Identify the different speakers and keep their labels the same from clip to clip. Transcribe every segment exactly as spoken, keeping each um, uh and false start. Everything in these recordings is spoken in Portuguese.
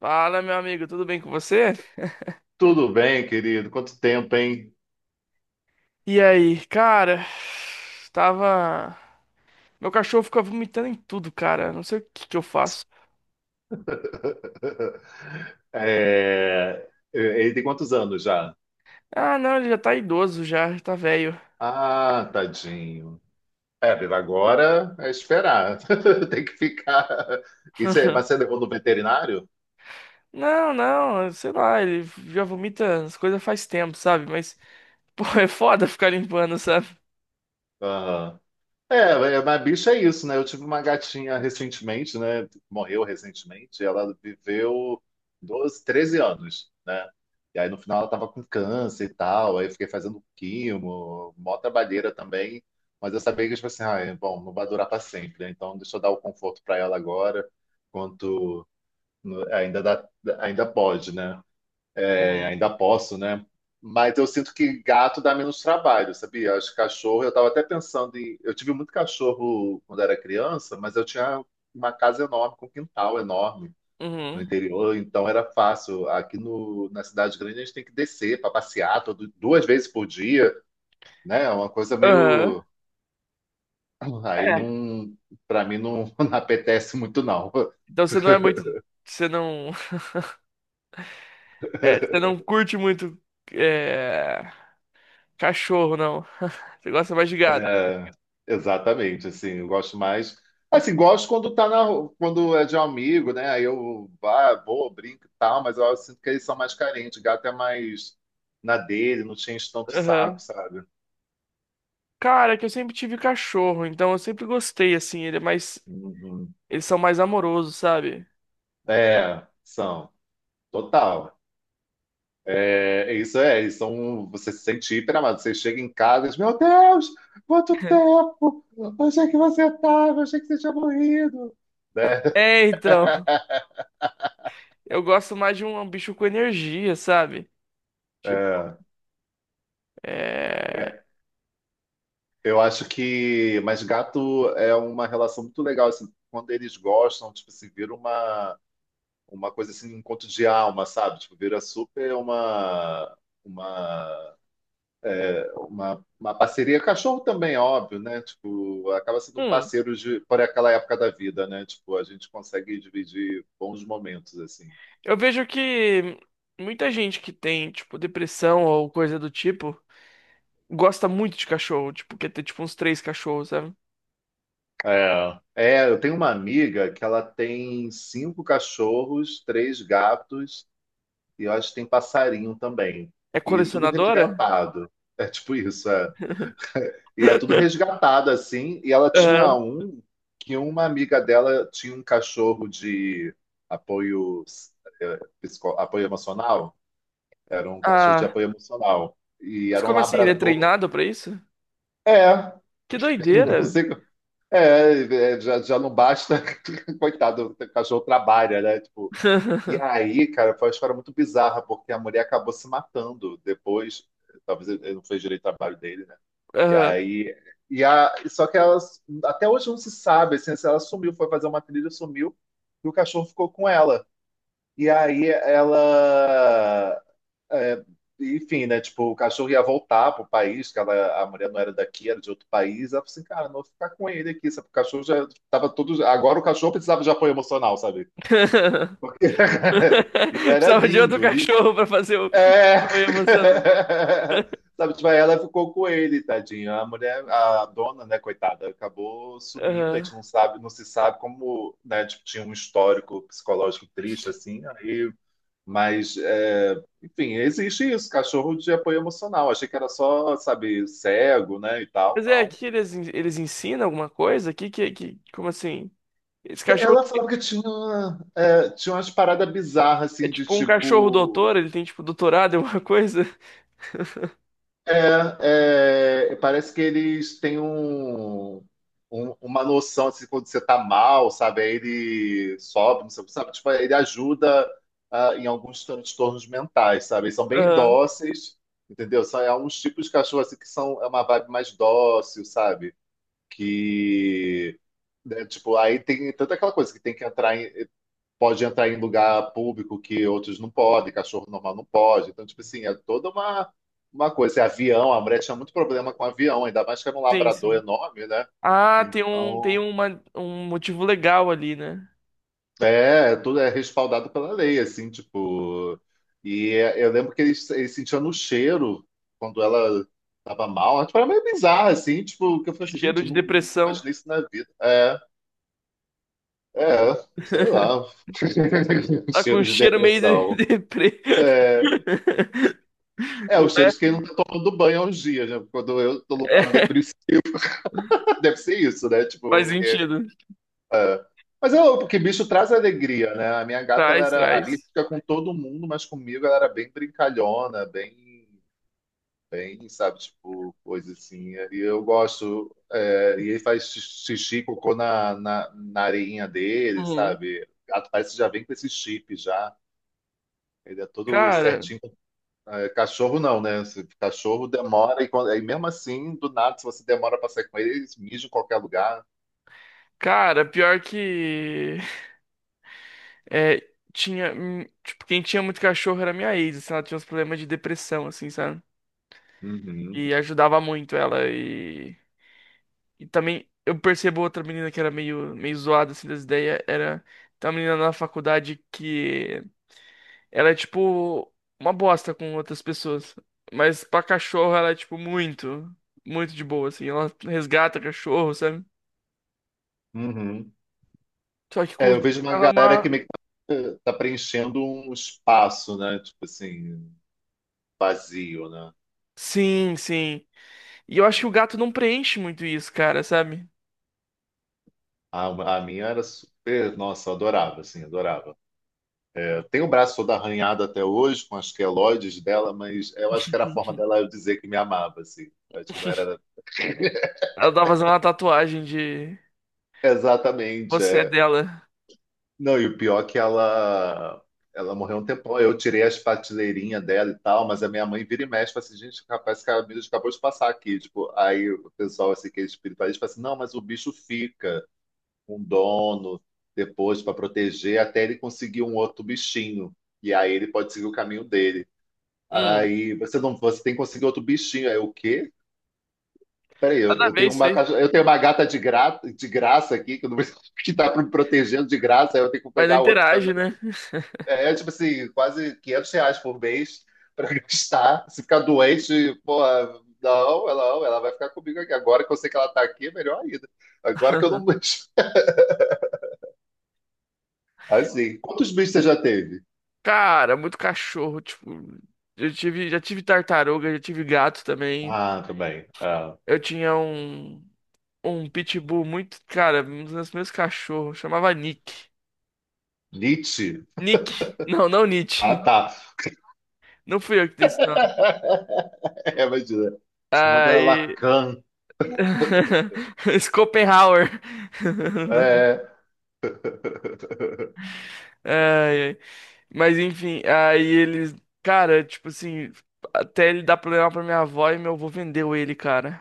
Speaker 1: Fala, meu amigo, tudo bem com você?
Speaker 2: Tudo bem, querido? Quanto tempo, hein?
Speaker 1: E aí, cara, tava. Meu cachorro fica vomitando em tudo, cara. Não sei o que que eu faço.
Speaker 2: É, Ele tem quantos anos já?
Speaker 1: Ah, não, ele já tá idoso, já, já tá velho.
Speaker 2: Ah, tadinho. É, Viva, agora é esperar. Tem que ficar. Isso é, mas você levou no veterinário?
Speaker 1: Não, não, sei lá, ele já vomita as coisas faz tempo, sabe? Mas, pô, é foda ficar limpando, sabe?
Speaker 2: Aham. É, é, mas bicho é isso, né? Eu tive uma gatinha recentemente, né? Morreu recentemente, e ela viveu doze, treze anos, né? E aí no final ela tava com câncer e tal, aí eu fiquei fazendo quimo, mó trabalheira também, mas eu sabia que, tipo assim, ah, é, bom, não vai durar para sempre, né? Então deixa eu dar o conforto para ela agora, quanto no- ainda dá, ainda pode, né? É,
Speaker 1: Uhum.
Speaker 2: ainda posso, né? Mas eu sinto que gato dá menos trabalho, sabia? Acho que cachorro, eu estava até pensando em. Eu tive muito cachorro quando era criança, mas eu tinha uma casa enorme, com um quintal enorme no
Speaker 1: Uhum.
Speaker 2: interior, então era fácil. Aqui no, Na cidade grande a gente tem que descer para passear todo, duas vezes por dia, né? É uma coisa
Speaker 1: Aham.
Speaker 2: meio. Aí
Speaker 1: É.
Speaker 2: não. Para mim não, não apetece muito, não.
Speaker 1: Então você não é muito. Você não. É, você não curte muito. É... Cachorro, não. Você gosta mais de gato.
Speaker 2: É, exatamente, assim, eu gosto mais. Assim, gosto quando tá na, ru- quando é de um amigo, né? Aí eu vá, vou, brinco e tal, mas eu sinto que eles são mais carentes, gato é mais na dele, não tinha enche tanto o saco,
Speaker 1: Aham.
Speaker 2: sabe?
Speaker 1: Cara, é que eu sempre tive cachorro, então eu sempre gostei, assim, ele é mais.
Speaker 2: Uhum.
Speaker 1: Eles são mais amorosos, sabe?
Speaker 2: É, são, total. É, é isso é, eles são, você se sente hiper amado. Você chega em casa e diz, meu Deus, quanto tempo! Eu achei que você estava eu achei que você tinha morrido. Né?
Speaker 1: É, então. Eu gosto mais de um um bicho com energia, sabe? Tipo, é.
Speaker 2: É. Eu acho que, mas gato é uma relação muito legal, assim, quando eles gostam, tipo assim, vira uma, uma coisa assim, um encontro de alma, sabe? Tipo, vira super uma, uma, uma, uma parceria. Cachorro também, óbvio, né? Tipo, acaba sendo um
Speaker 1: Hum.
Speaker 2: parceiro de, por aquela época da vida, né? Tipo, a gente consegue dividir bons momentos, assim.
Speaker 1: Eu vejo que muita gente que tem, tipo, depressão ou coisa do tipo, gosta muito de cachorro, tipo, quer ter, tipo, uns três cachorros, sabe?
Speaker 2: É. É, eu tenho uma amiga que ela tem cinco cachorros, três gatos, e eu acho que tem passarinho também.
Speaker 1: É
Speaker 2: E tudo
Speaker 1: colecionadora?
Speaker 2: resgatado. É tipo isso, é. E é tudo resgatado, assim. E ela tinha
Speaker 1: Aham.
Speaker 2: um que uma amiga dela tinha um cachorro de apoio, eh, psico- apoio emocional. Era um cachorro de
Speaker 1: Ah.
Speaker 2: apoio emocional. E
Speaker 1: Mas
Speaker 2: era um
Speaker 1: como assim? Ele é
Speaker 2: labrador.
Speaker 1: treinado pra isso?
Speaker 2: É,
Speaker 1: Que doideira!
Speaker 2: não sei, co- é, é, já, já não basta, coitado, o cachorro trabalha, né? Tipo, e aí, cara, foi uma história muito bizarra, porque a mulher acabou se matando depois. Talvez ele não fez direito ao trabalho dele, né? E
Speaker 1: Aham.
Speaker 2: aí. E a, só que ela, até hoje não se sabe, assim, se ela sumiu, foi fazer uma trilha, sumiu, e o cachorro ficou com ela. E aí ela. É, enfim, né? Tipo, o cachorro ia voltar pro país, que ela, a mulher não era daqui, era de outro país. Ela falou assim, cara, não vou ficar com ele aqui, sabe? O cachorro já tava todo. Agora o cachorro precisava de apoio emocional, sabe? Porque ele era
Speaker 1: Precisava de outro
Speaker 2: lindo. li-
Speaker 1: cachorro pra fazer o
Speaker 2: É.
Speaker 1: apoio emocional.
Speaker 2: Sabe, tipo, aí ela ficou com ele, tadinha. A mulher, a dona, né, coitada, acabou sumindo. A
Speaker 1: Aham.
Speaker 2: gente não sabe, não se sabe como, né, tipo, tinha um histórico psicológico triste, assim. Aí, mas, é, enfim, existe isso, cachorro de apoio emocional. Achei que era só, sabe, cego, né, e tal.
Speaker 1: Mas é,
Speaker 2: Não.
Speaker 1: aqui eles, en- eles ensinam alguma coisa? Que, que, que, como assim? Esse cachorro
Speaker 2: Ela falava que tinha, é, tinha umas paradas bizarras,
Speaker 1: é
Speaker 2: assim, de
Speaker 1: tipo um cachorro
Speaker 2: tipo.
Speaker 1: doutor, ele tem tipo doutorado em alguma coisa?
Speaker 2: É, é, parece que eles têm um, um- uma noção assim, quando você tá mal, sabe? Aí ele sobe, não sei o que, sabe? Tipo, ele ajuda ah, em alguns transtornos mentais, sabe? Eles são bem
Speaker 1: Aham.
Speaker 2: dóceis, entendeu? São é uns tipos de cachorro assim que são é uma vibe mais dócil, sabe? Que Né, tipo, aí tem toda aquela coisa que tem que entrar em pode entrar em lugar público que outros não podem, cachorro normal não pode. Então, tipo assim, é toda uma, uma coisa. E avião, a mulher tinha muito problema com avião, ainda mais que era um
Speaker 1: Sim,
Speaker 2: labrador
Speaker 1: sim.
Speaker 2: enorme, né?
Speaker 1: Ah, tem um, tem
Speaker 2: Então,
Speaker 1: uma, um motivo legal ali, né?
Speaker 2: é, é tudo é respaldado pela lei, assim, tipo. E é- eu lembro que eles, eles sentiam no cheiro quando ela tava mal. Tipo, era meio bizarro, assim, tipo, que eu falei assim,
Speaker 1: Cheiro
Speaker 2: gente, eu
Speaker 1: de
Speaker 2: nu- nunca
Speaker 1: depressão.
Speaker 2: imaginei isso na vida. É, é, Sei lá.
Speaker 1: Tá com
Speaker 2: Cheiro
Speaker 1: um
Speaker 2: de
Speaker 1: cheiro meio de
Speaker 2: depressão.
Speaker 1: de deprê.
Speaker 2: É, é, os
Speaker 1: Ué,
Speaker 2: cheiros que não tá tomando banho há uns dias, né? Quando eu tô no quadro
Speaker 1: é,
Speaker 2: depressivo, deve ser isso, né?
Speaker 1: faz
Speaker 2: Tipo, porque,
Speaker 1: sentido.
Speaker 2: é, mas é porque bicho traz alegria, né? A minha gata, ela
Speaker 1: Traz,
Speaker 2: era
Speaker 1: traz.
Speaker 2: arisca com todo mundo, mas comigo ela era bem brincalhona, bem, bem, sabe? Tipo, coisa assim. E eu gosto, é, e ele faz xixi, cocô na, na, na areinha dele,
Speaker 1: Uhum.
Speaker 2: sabe? O gato parece que já vem com esse chip já. Ele é todo
Speaker 1: Cara,
Speaker 2: certinho, ah, é, cachorro não, né? Se- Cachorro demora e, quando- e mesmo assim, do nada, se você demora pra sair com ele, eles mijam em qualquer lugar.
Speaker 1: cara, pior que. É, tinha, hum, tipo, quem tinha muito cachorro era minha ex, assim, ela tinha uns problemas de depressão, assim, sabe?
Speaker 2: Uhum.
Speaker 1: E ajudava muito ela e, e também eu percebo outra menina que era meio, meio zoada, assim, das ideias, era tem uma menina na faculdade que ela é, tipo, uma bosta com outras pessoas, mas pra cachorro ela é, tipo, muito, muito de boa, assim, ela resgata cachorro, sabe?
Speaker 2: Uhum.
Speaker 1: Só que com
Speaker 2: É,
Speaker 1: os
Speaker 2: eu vejo uma
Speaker 1: ela é
Speaker 2: galera que
Speaker 1: uma...
Speaker 2: meio que tá tá preenchendo um espaço, né? Tipo assim, vazio, né?
Speaker 1: Sim, sim. E eu acho que o gato não preenche muito isso, cara, sabe?
Speaker 2: A, a minha era super, nossa, eu adorava, assim, adorava. É, eu tenho o braço todo arranhado até hoje com as queloides dela, mas eu acho que era a forma dela eu dizer que me amava, assim. Eu acho que não era
Speaker 1: Ela tá fazendo uma tatuagem de
Speaker 2: exatamente.
Speaker 1: você é
Speaker 2: É.
Speaker 1: dela.
Speaker 2: Não, e o pior é que ela, ela morreu um tempão. Eu tirei as prateleirinhas dela e tal, mas a minha mãe vira e mexe, fala assim, gente, rapaz, esse cara acabou de passar aqui. Tipo, aí o pessoal, assim, que é espiritualista, fala assim, não, mas o bicho fica com dono depois para proteger até ele conseguir um outro bichinho. E aí ele pode seguir o caminho dele.
Speaker 1: Hum,
Speaker 2: Aí você não, você tem que conseguir outro bichinho. Aí eu, o quê? Peraí, eu,
Speaker 1: nada a
Speaker 2: eu
Speaker 1: ver
Speaker 2: tenho
Speaker 1: isso
Speaker 2: uma
Speaker 1: aí.
Speaker 2: caixa, eu tenho uma gata de, gra, de graça aqui que, eu não, que tá me protegendo de graça, aí eu tenho que
Speaker 1: Mas não
Speaker 2: pegar outro
Speaker 1: interage, né?
Speaker 2: é, tipo assim, quase quinhentos reais por mês pra gastar. Se ficar doente, porra, não, ela, não, ela vai ficar comigo aqui. Agora que eu sei que ela tá aqui, é melhor ainda. Agora que eu não. Assim, quantos bichos você já teve?
Speaker 1: Cara, muito cachorro, tipo, eu tive, já tive tartaruga, já tive gato também.
Speaker 2: Ah, também. Ah,
Speaker 1: Eu tinha um um pitbull muito, cara, um dos meus meus cachorros, chamava Nick.
Speaker 2: Nietzsche?
Speaker 1: Nick. Não, não
Speaker 2: Ah,
Speaker 1: Nietzsche.
Speaker 2: tá.
Speaker 1: Não fui eu que dei esse nome.
Speaker 2: É, imagina. Chamada
Speaker 1: Aí
Speaker 2: Lacan.
Speaker 1: Schopenhauer.
Speaker 2: É.
Speaker 1: Ai, ai. Mas enfim, aí eles. Cara, tipo assim, até ele dar problema pra minha avó e meu avô vendeu ele, cara.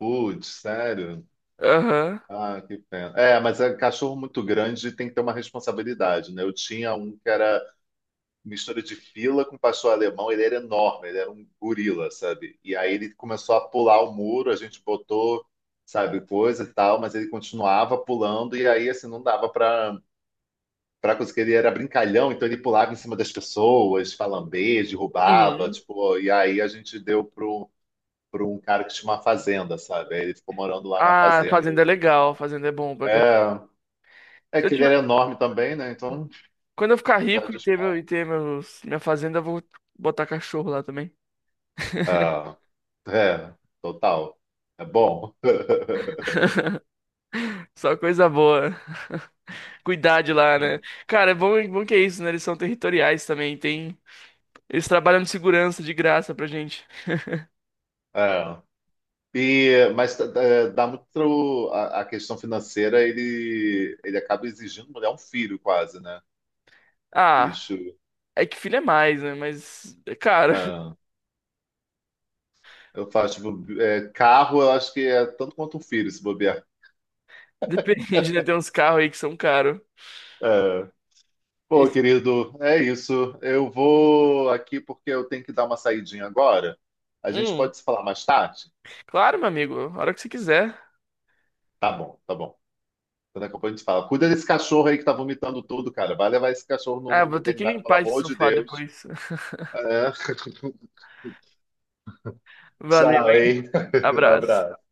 Speaker 2: Putz, sério?
Speaker 1: Aham.
Speaker 2: Ah, que pena. É, mas é cachorro muito grande tem que ter uma responsabilidade, né? Eu tinha um que era mistura de fila com pastor alemão, ele era enorme, ele era um gorila, sabe? E aí ele começou a pular o muro, a gente botou, sabe, coisa e tal, mas ele continuava pulando e aí assim não dava para para conseguir, ele era brincalhão, então ele pulava em cima das pessoas, falambês, derrubava,
Speaker 1: Uhum.
Speaker 2: tipo, e aí a gente deu pro para um cara que tinha uma fazenda, sabe? Aí ele ficou morando lá na
Speaker 1: Ah,
Speaker 2: fazenda.
Speaker 1: fazenda é legal, fazenda é bom pra cachorro.
Speaker 2: É, é
Speaker 1: Se eu
Speaker 2: que ele era
Speaker 1: tiver-
Speaker 2: enorme também, né? Então,
Speaker 1: Quando eu ficar rico
Speaker 2: cidade
Speaker 1: e
Speaker 2: de
Speaker 1: ter, meu,
Speaker 2: spa.
Speaker 1: e ter meus, minha fazenda, eu vou botar cachorro lá também.
Speaker 2: É, é, Total. É bom.
Speaker 1: Só coisa boa. Cuidar de lá, né?
Speaker 2: É.
Speaker 1: Cara, é bom, é bom que é isso, né? Eles são territoriais também. Tem... Eles trabalham de segurança de graça pra gente.
Speaker 2: É. E, mas eh, dá muito a, a questão financeira, ele, ele acaba exigindo, mulher um filho quase, né?
Speaker 1: Ah.
Speaker 2: Isso.
Speaker 1: É que filho é mais, né? Mas é caro.
Speaker 2: É. Eu faço, tipo, eh, carro, eu acho que é tanto quanto um filho, se bobear.
Speaker 1: Depende, né? Tem uns carros aí que são caros.
Speaker 2: É. Pô,
Speaker 1: Esse-
Speaker 2: querido, é isso. Eu vou aqui porque eu tenho que dar uma saidinha agora. A gente
Speaker 1: Hum,
Speaker 2: pode se falar mais tarde?
Speaker 1: claro, meu amigo. A hora que você quiser.
Speaker 2: Tá bom, tá bom. Então, daqui a pouco a gente fala. Cuida desse cachorro aí que tá vomitando tudo, cara. Vai levar esse cachorro
Speaker 1: Ah,
Speaker 2: no
Speaker 1: vou ter que
Speaker 2: veterinário, pelo
Speaker 1: limpar esse
Speaker 2: amor de
Speaker 1: sofá
Speaker 2: Deus.
Speaker 1: depois.
Speaker 2: É.
Speaker 1: Valeu,
Speaker 2: Tchau,
Speaker 1: hein?
Speaker 2: hein?
Speaker 1: Abraço.
Speaker 2: Abraço.